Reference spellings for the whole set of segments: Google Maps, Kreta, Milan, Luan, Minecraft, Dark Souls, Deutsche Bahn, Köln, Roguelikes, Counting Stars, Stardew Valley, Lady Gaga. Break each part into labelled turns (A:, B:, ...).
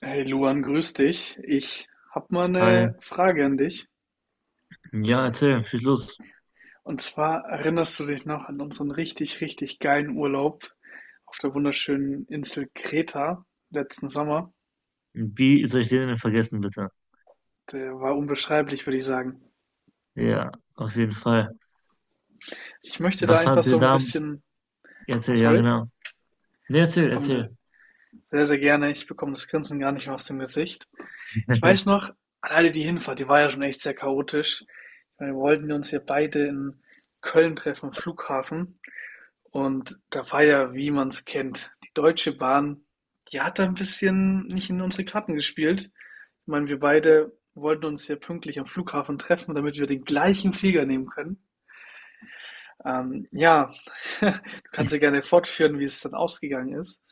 A: Hey Luan, grüß dich. Ich hab mal
B: Hi.
A: eine Frage an dich.
B: Ja, erzähl, viel los.
A: Und zwar erinnerst du dich noch an unseren richtig, richtig geilen Urlaub auf der wunderschönen Insel Kreta letzten Sommer?
B: Wie soll ich den denn vergessen, bitte?
A: Der war unbeschreiblich, würde ich sagen.
B: Ja, auf jeden Fall.
A: Ich möchte da
B: Was
A: einfach
B: fandet
A: so
B: ihr
A: ein
B: da?
A: bisschen,
B: Erzähl, ja,
A: sorry,
B: genau. Nee, erzähl,
A: ich komme das
B: erzähl.
A: sehr, sehr gerne, ich bekomme das Grinsen gar nicht mehr aus dem Gesicht. Ich weiß noch, alleine die Hinfahrt, die war ja schon echt sehr chaotisch. Wir wollten uns ja beide in Köln treffen, am Flughafen. Und da war ja, wie man es kennt, die Deutsche Bahn, die hat da ein bisschen nicht in unsere Karten gespielt. Ich meine, wir beide wollten uns ja pünktlich am Flughafen treffen, damit wir den gleichen Flieger nehmen können. Ähm, ja, du kannst ja
B: Ich,
A: gerne fortführen, wie es dann ausgegangen ist.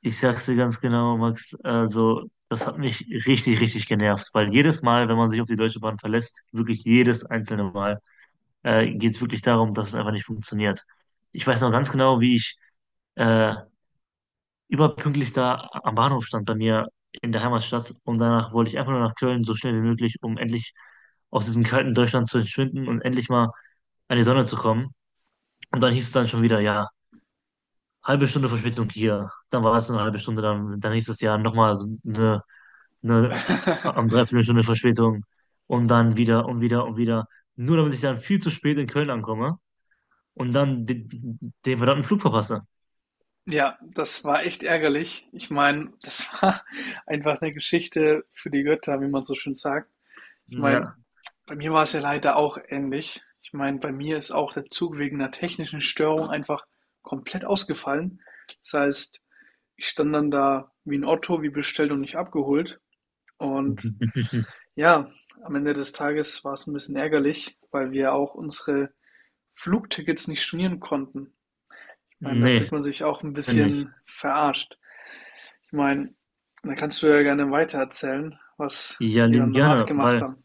B: ich sag's dir ganz genau, Max. Also, das hat mich richtig, richtig genervt, weil jedes Mal, wenn man sich auf die Deutsche Bahn verlässt, wirklich jedes einzelne Mal, geht's wirklich darum, dass es einfach nicht funktioniert. Ich weiß noch ganz genau, wie ich äh, überpünktlich da am Bahnhof stand, bei mir in der Heimatstadt, und danach wollte ich einfach nur nach Köln, so schnell wie möglich, um endlich aus diesem kalten Deutschland zu entschwinden und endlich mal an die Sonne zu kommen. Und dann hieß es dann schon wieder, ja, halbe Stunde Verspätung hier. Dann war es eine halbe Stunde, dann hieß es ja nochmal so eine am Dreiviertelstunde Verspätung und dann wieder und wieder und wieder. Nur damit ich dann viel zu spät in Köln ankomme und dann den verdammten Flug verpasse.
A: Ja, das war echt ärgerlich. Ich meine, das war einfach eine Geschichte für die Götter, wie man so schön sagt. Ich meine,
B: Ja.
A: bei mir war es ja leider auch ähnlich. Ich meine, bei mir ist auch der Zug wegen einer technischen Störung einfach komplett ausgefallen. Das heißt, ich stand dann da wie ein Otto, wie bestellt und nicht abgeholt. Und ja, am Ende des Tages war es ein bisschen ärgerlich, weil wir auch unsere Flugtickets nicht stornieren konnten. Ich meine, da fühlt
B: Nee,
A: man sich auch ein
B: nicht.
A: bisschen verarscht. Ich meine, da kannst du ja gerne weitererzählen, was
B: Ja,
A: wir
B: lieben
A: dann danach
B: gerne,
A: gemacht
B: weil,
A: haben.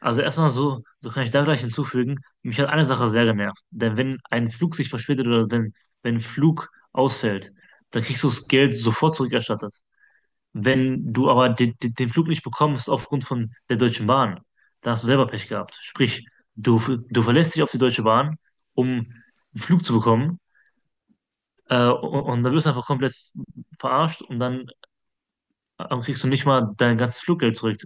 B: also erstmal so kann ich da gleich hinzufügen, mich hat eine Sache sehr genervt. Denn wenn ein Flug sich verspätet oder wenn ein Flug ausfällt, dann kriegst du das Geld sofort zurückerstattet. Wenn du aber den Flug nicht bekommst aufgrund von der Deutschen Bahn, dann hast du selber Pech gehabt. Sprich, du, du verlässt dich auf die Deutsche Bahn, um einen Flug zu bekommen, und dann wirst du einfach komplett verarscht, und dann kriegst du nicht mal dein ganzes Fluggeld zurück.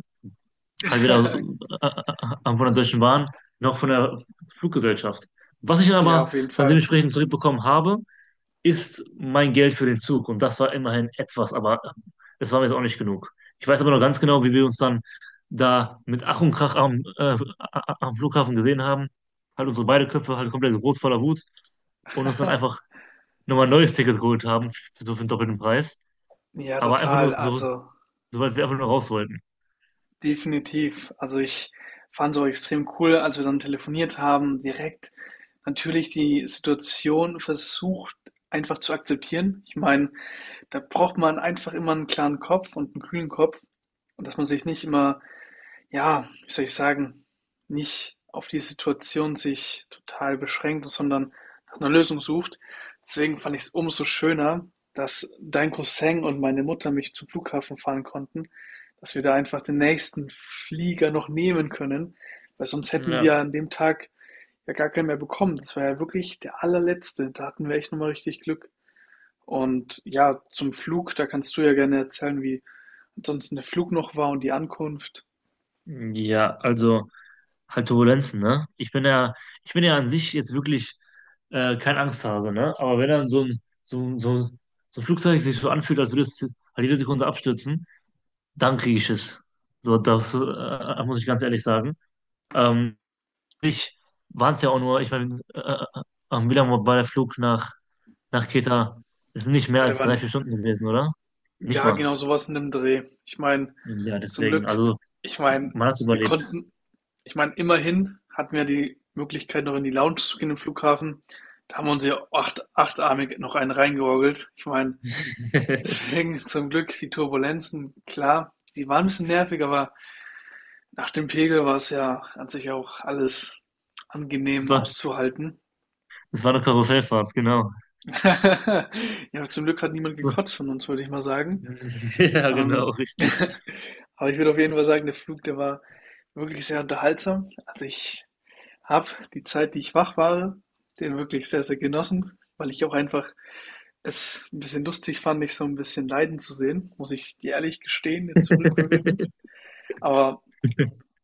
B: Halt weder von der Deutschen Bahn noch von der Fluggesellschaft. Was ich dann
A: Ja, auf
B: aber
A: jeden
B: dann
A: Fall.
B: dementsprechend zurückbekommen habe, ist mein Geld für den Zug. Und das war immerhin etwas, aber es war mir jetzt auch nicht genug. Ich weiß aber noch ganz genau, wie wir uns dann da mit Ach und Krach am Flughafen gesehen haben. Halt unsere beide Köpfe halt komplett so rot voller Wut, und uns dann einfach nochmal ein neues Ticket geholt haben, für den doppelten Preis.
A: Ja,
B: Aber einfach
A: total.
B: nur so,
A: Also
B: soweit wir einfach nur raus wollten.
A: definitiv. Also ich fand es auch extrem cool, als wir dann telefoniert haben, direkt natürlich die Situation versucht einfach zu akzeptieren. Ich meine, da braucht man einfach immer einen klaren Kopf und einen kühlen Kopf und dass man sich nicht immer ja, wie soll ich sagen, nicht auf die Situation sich total beschränkt, sondern nach einer Lösung sucht. Deswegen fand ich es umso schöner, dass dein Cousin und meine Mutter mich zum Flughafen fahren konnten, dass wir da einfach den nächsten Flieger noch nehmen können, weil sonst hätten
B: Ja,
A: wir an dem Tag ja gar keinen mehr bekommen. Das war ja wirklich der allerletzte. Da hatten wir echt nochmal richtig Glück. Und ja, zum Flug, da kannst du ja gerne erzählen, wie ansonsten der Flug noch war und die Ankunft.
B: ja, also halt Turbulenzen, ne? Ich bin ja an sich jetzt wirklich kein Angsthase, ne? Aber wenn dann so, ein- so, so ein Flugzeug sich so anfühlt, als würde es halt jede Sekunde abstürzen, dann kriege ich es. So, das muss ich ganz ehrlich sagen. Ähm, ich waren es ja auch nur, ich meine, am Milan war der Flug nach Kreta ist nicht mehr
A: Oder
B: als 3, 4
A: wann
B: Stunden gewesen, oder? Nicht
A: ja,
B: mal.
A: genau so was in dem Dreh. Ich meine,
B: Ja,
A: zum
B: deswegen,
A: Glück,
B: also
A: ich meine,
B: man hat es
A: wir
B: überlebt.
A: konnten, ich meine, immerhin hatten wir die Möglichkeit, noch in die Lounge zu gehen im Flughafen. Da haben wir uns ja acht, achtarmig noch einen reingeorgelt. Ich meine, deswegen zum Glück die Turbulenzen, klar, die waren ein bisschen nervig, aber nach dem Pegel war es ja an sich ja auch alles
B: Es
A: angenehm
B: war,
A: auszuhalten.
B: es war eine Karussellfahrt, genau.
A: Ja, zum Glück hat niemand
B: So,
A: gekotzt von uns, würde ich mal sagen.
B: ja, genau,
A: Ähm,
B: richtig.
A: aber ich würde auf jeden Fall sagen, der Flug, der war wirklich sehr unterhaltsam. Also ich habe die Zeit, die ich wach war, den wirklich sehr, sehr genossen, weil ich auch einfach es ein bisschen lustig fand, mich so ein bisschen leiden zu sehen, muss ich dir ehrlich gestehen, jetzt zurückwirkend. Aber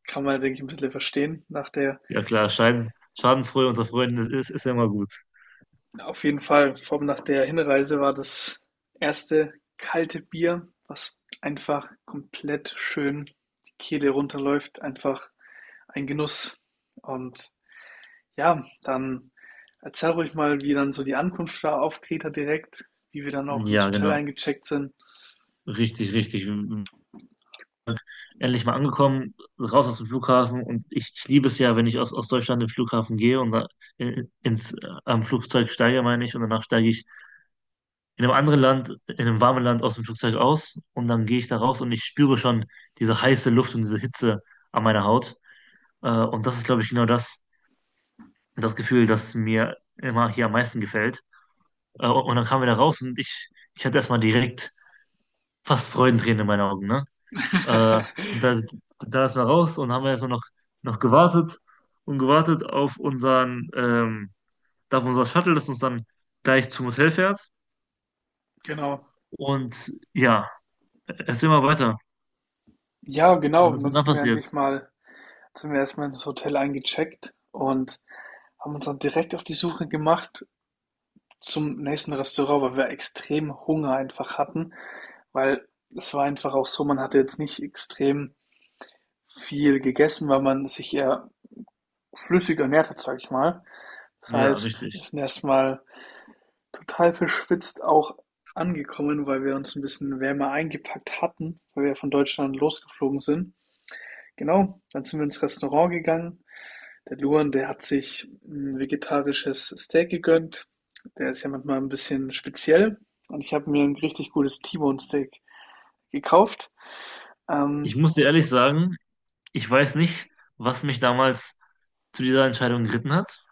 A: kann man, denke ich, ein bisschen verstehen. Nach der,
B: Ja, klar, Schadensfreude unter Freunden ist ja immer gut.
A: auf jeden Fall, vor allem nach der Hinreise war das erste kalte Bier, was einfach komplett schön die Kehle runterläuft, einfach ein Genuss. Und ja, dann erzähl ruhig mal, wie dann so die Ankunft war auf Kreta direkt, wie wir dann auch ins
B: Ja,
A: Hotel
B: genau.
A: eingecheckt sind.
B: Richtig, richtig. Endlich mal angekommen, raus aus dem Flughafen. Und ich liebe es ja, wenn ich aus Deutschland in den Flughafen gehe und da in, ins, äh, am Flugzeug steige, meine ich, und danach steige ich in einem anderen Land, in einem warmen Land aus dem Flugzeug aus, und dann gehe ich da raus und ich spüre schon diese heiße Luft und diese Hitze an meiner Haut. Und das ist, glaube ich, genau das Gefühl, das mir immer hier am meisten gefällt. Und dann kamen wir da raus, und ich hatte erstmal direkt fast Freudentränen in meinen Augen, ne? Äh, da, da ist man raus, und haben wir erstmal noch gewartet und gewartet auf unseren, da auf unser Shuttle, das uns dann gleich zum Hotel fährt.
A: Genau.
B: Und ja, erzähl mal weiter.
A: Ja, genau.
B: Was
A: Und
B: ist
A: dann
B: denn da
A: sind wir
B: passiert?
A: endlich mal, sind wir erstmal ins Hotel eingecheckt und haben uns dann direkt auf die Suche gemacht zum nächsten Restaurant, weil wir extrem Hunger einfach hatten, weil es war einfach auch so, man hatte jetzt nicht extrem viel gegessen, weil man sich eher flüssig ernährt hat, sage ich mal. Das
B: Ja,
A: heißt, wir
B: richtig.
A: sind erstmal total verschwitzt auch angekommen, weil wir uns ein bisschen wärmer eingepackt hatten, weil wir von Deutschland losgeflogen sind. Genau, dann sind wir ins Restaurant gegangen. Der Luan, der hat sich ein vegetarisches Steak gegönnt. Der ist ja manchmal ein bisschen speziell. Und ich habe mir ein richtig gutes T-Bone Steak gekauft.
B: Ich
A: Ähm,
B: muss dir ehrlich sagen, ich weiß nicht, was mich damals zu dieser Entscheidung geritten hat,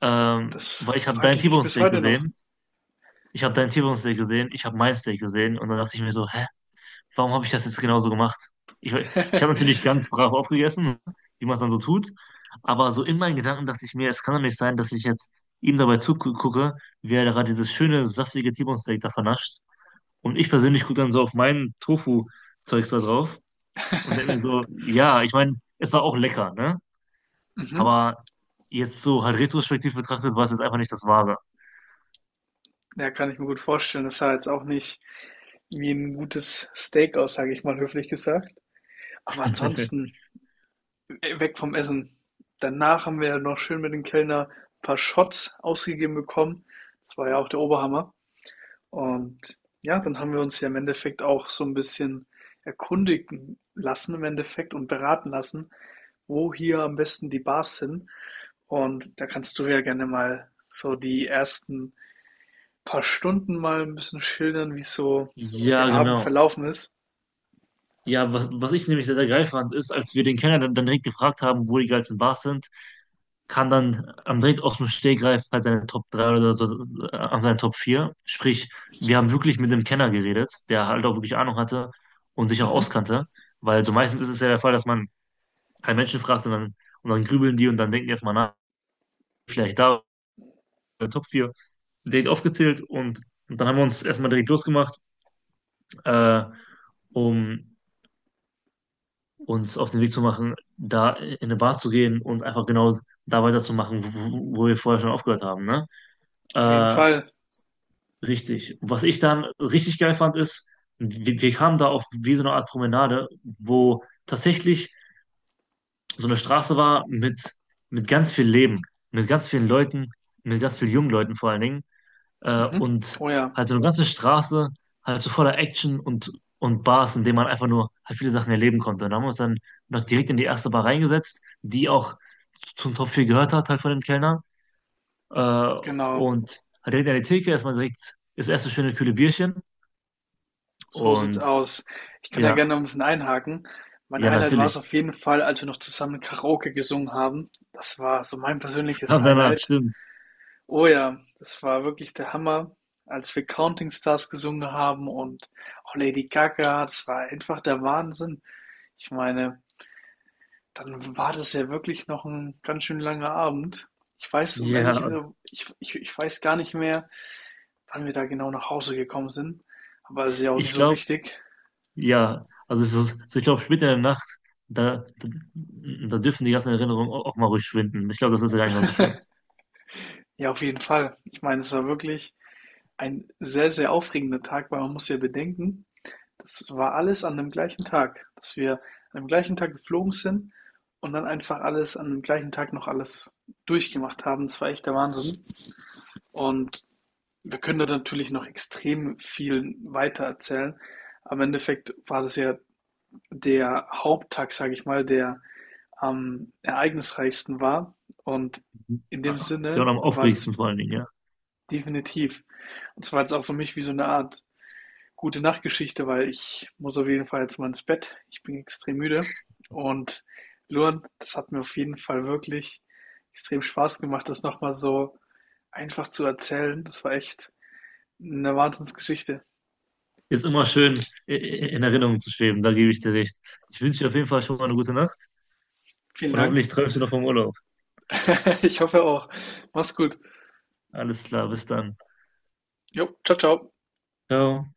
A: das
B: weil
A: frage ich mich bis heute noch.
B: Ich habe deinen T-Bone-Steak gesehen, ich habe mein Steak gesehen, und dann dachte ich mir so, hä, warum habe ich das jetzt genauso gemacht? Ich habe natürlich ganz brav aufgegessen, wie man es dann so tut, aber so in meinen Gedanken dachte ich mir, es kann doch nicht sein, dass ich jetzt ihm dabei zugucke, wie er gerade dieses schöne, saftige T-Bone-Steak da vernascht, und ich persönlich gucke dann so auf mein Tofu-Zeugs da drauf und denke mir so, ja, ich meine, es war auch lecker, ne? Aber jetzt so halt retrospektiv betrachtet, war es jetzt einfach nicht das Wahre.
A: Ja, kann ich mir gut vorstellen. Das sah jetzt auch nicht wie ein gutes Steak aus, sage ich mal höflich gesagt. Aber ansonsten, weg vom Essen. Danach haben wir noch schön mit dem Kellner ein paar Shots ausgegeben bekommen. Das war ja auch der Oberhammer. Und ja, dann haben wir uns ja im Endeffekt auch so ein bisschen erkundigen lassen im Endeffekt und beraten lassen, wo hier am besten die Bars sind. Und da kannst du ja gerne mal so die ersten paar Stunden mal ein bisschen schildern, wie so
B: Ja,
A: der Abend
B: genau.
A: verlaufen ist?
B: Ja, was ich nämlich sehr, sehr geil fand, ist, als wir den Kenner dann direkt gefragt haben, wo die geilsten Bars sind, kam dann am direkt aus dem Stegreif halt seine Top 3 oder so, an seine Top 4. Sprich, wir haben wirklich mit dem Kenner geredet, der halt auch wirklich Ahnung hatte und sich auch
A: Mhm.
B: auskannte. Weil so meistens ist es ja der Fall, dass man keinen Menschen fragt und dann grübeln die, und dann denken die erstmal nach, vielleicht da oder Top 4, direkt aufgezählt, und dann haben wir uns erstmal direkt losgemacht, äh, um uns auf den Weg zu machen, da in eine Bar zu gehen und einfach genau da weiterzumachen, wo wir vorher schon aufgehört haben, ne?
A: Auf jeden
B: Äh,
A: Fall.
B: Richtig. Was ich dann richtig geil fand, ist, wir kamen da auf wie so eine Art Promenade, wo tatsächlich so eine Straße war mit ganz viel Leben, mit ganz vielen Leuten, mit ganz vielen jungen Leuten vor allen Dingen,
A: Mhm.
B: und
A: Oh ja,
B: halt so eine ganze Straße, halt so voller Action und Bars, in denen man einfach nur halt viele Sachen erleben konnte. Und da haben wir uns dann noch direkt in die erste Bar reingesetzt, die auch zum Top 4 gehört hat, halt von dem Kellner. Äh,
A: genau.
B: und halt direkt an die Theke erstmal direkt das erste schöne kühle Bierchen.
A: So sieht's
B: Und
A: aus. Ich kann da
B: ja,
A: gerne noch 'n bisschen einhaken. Mein
B: ja,
A: Highlight war es
B: natürlich.
A: auf jeden Fall, als wir noch zusammen Karaoke gesungen haben. Das war so mein
B: Das
A: persönliches
B: kam danach,
A: Highlight.
B: stimmt.
A: Oh ja, das war wirklich der Hammer, als wir „Counting Stars“ gesungen haben und auch Lady Gaga. Das war einfach der Wahnsinn. Ich meine, dann war das ja wirklich noch ein ganz schön langer Abend. Ich weiß, um
B: Ja,
A: ehrlich also, ich weiß gar nicht mehr, wann wir da genau nach Hause gekommen sind, aber das ist ja auch
B: ich
A: nicht so
B: glaube,
A: wichtig.
B: ja. Also, so, ich glaube, später in der Nacht, da, da, da dürfen die ganzen Erinnerungen auch mal ruhig schwinden. Ich glaube, das ist ja gar nicht mal so schlimm.
A: Ja, auf jeden Fall. Ich meine, es war wirklich ein sehr, sehr aufregender Tag, weil man muss ja bedenken, das war alles an dem gleichen Tag, dass wir an dem gleichen Tag geflogen sind und dann einfach alles an dem gleichen Tag noch alles durchgemacht haben. Das war echt der Wahnsinn, und wir können da natürlich noch extrem viel weiter erzählen. Am Endeffekt war das ja der Haupttag, sage ich mal, der am ereignisreichsten war. Und in dem
B: Ja, ja, und
A: Sinne
B: am
A: war
B: aufregendsten
A: das
B: vor allen Dingen, ja.
A: definitiv. Und zwar jetzt auch für mich wie so eine Art gute Nachtgeschichte, weil ich muss auf jeden Fall jetzt mal ins Bett. Ich bin extrem müde. Und Luan, das hat mir auf jeden Fall wirklich extrem Spaß gemacht, das nochmal so einfach zu erzählen. Das war echt eine Wahnsinnsgeschichte.
B: Ist immer schön in Erinnerung zu schweben, da gebe ich dir recht. Ich wünsche dir auf jeden Fall schon mal eine gute Nacht,
A: Vielen
B: und
A: Dank.
B: hoffentlich träumst du noch vom Urlaub.
A: Ich hoffe auch. Mach's gut.
B: Alles klar, bis dann.
A: Jo, ciao, ciao.
B: Ciao.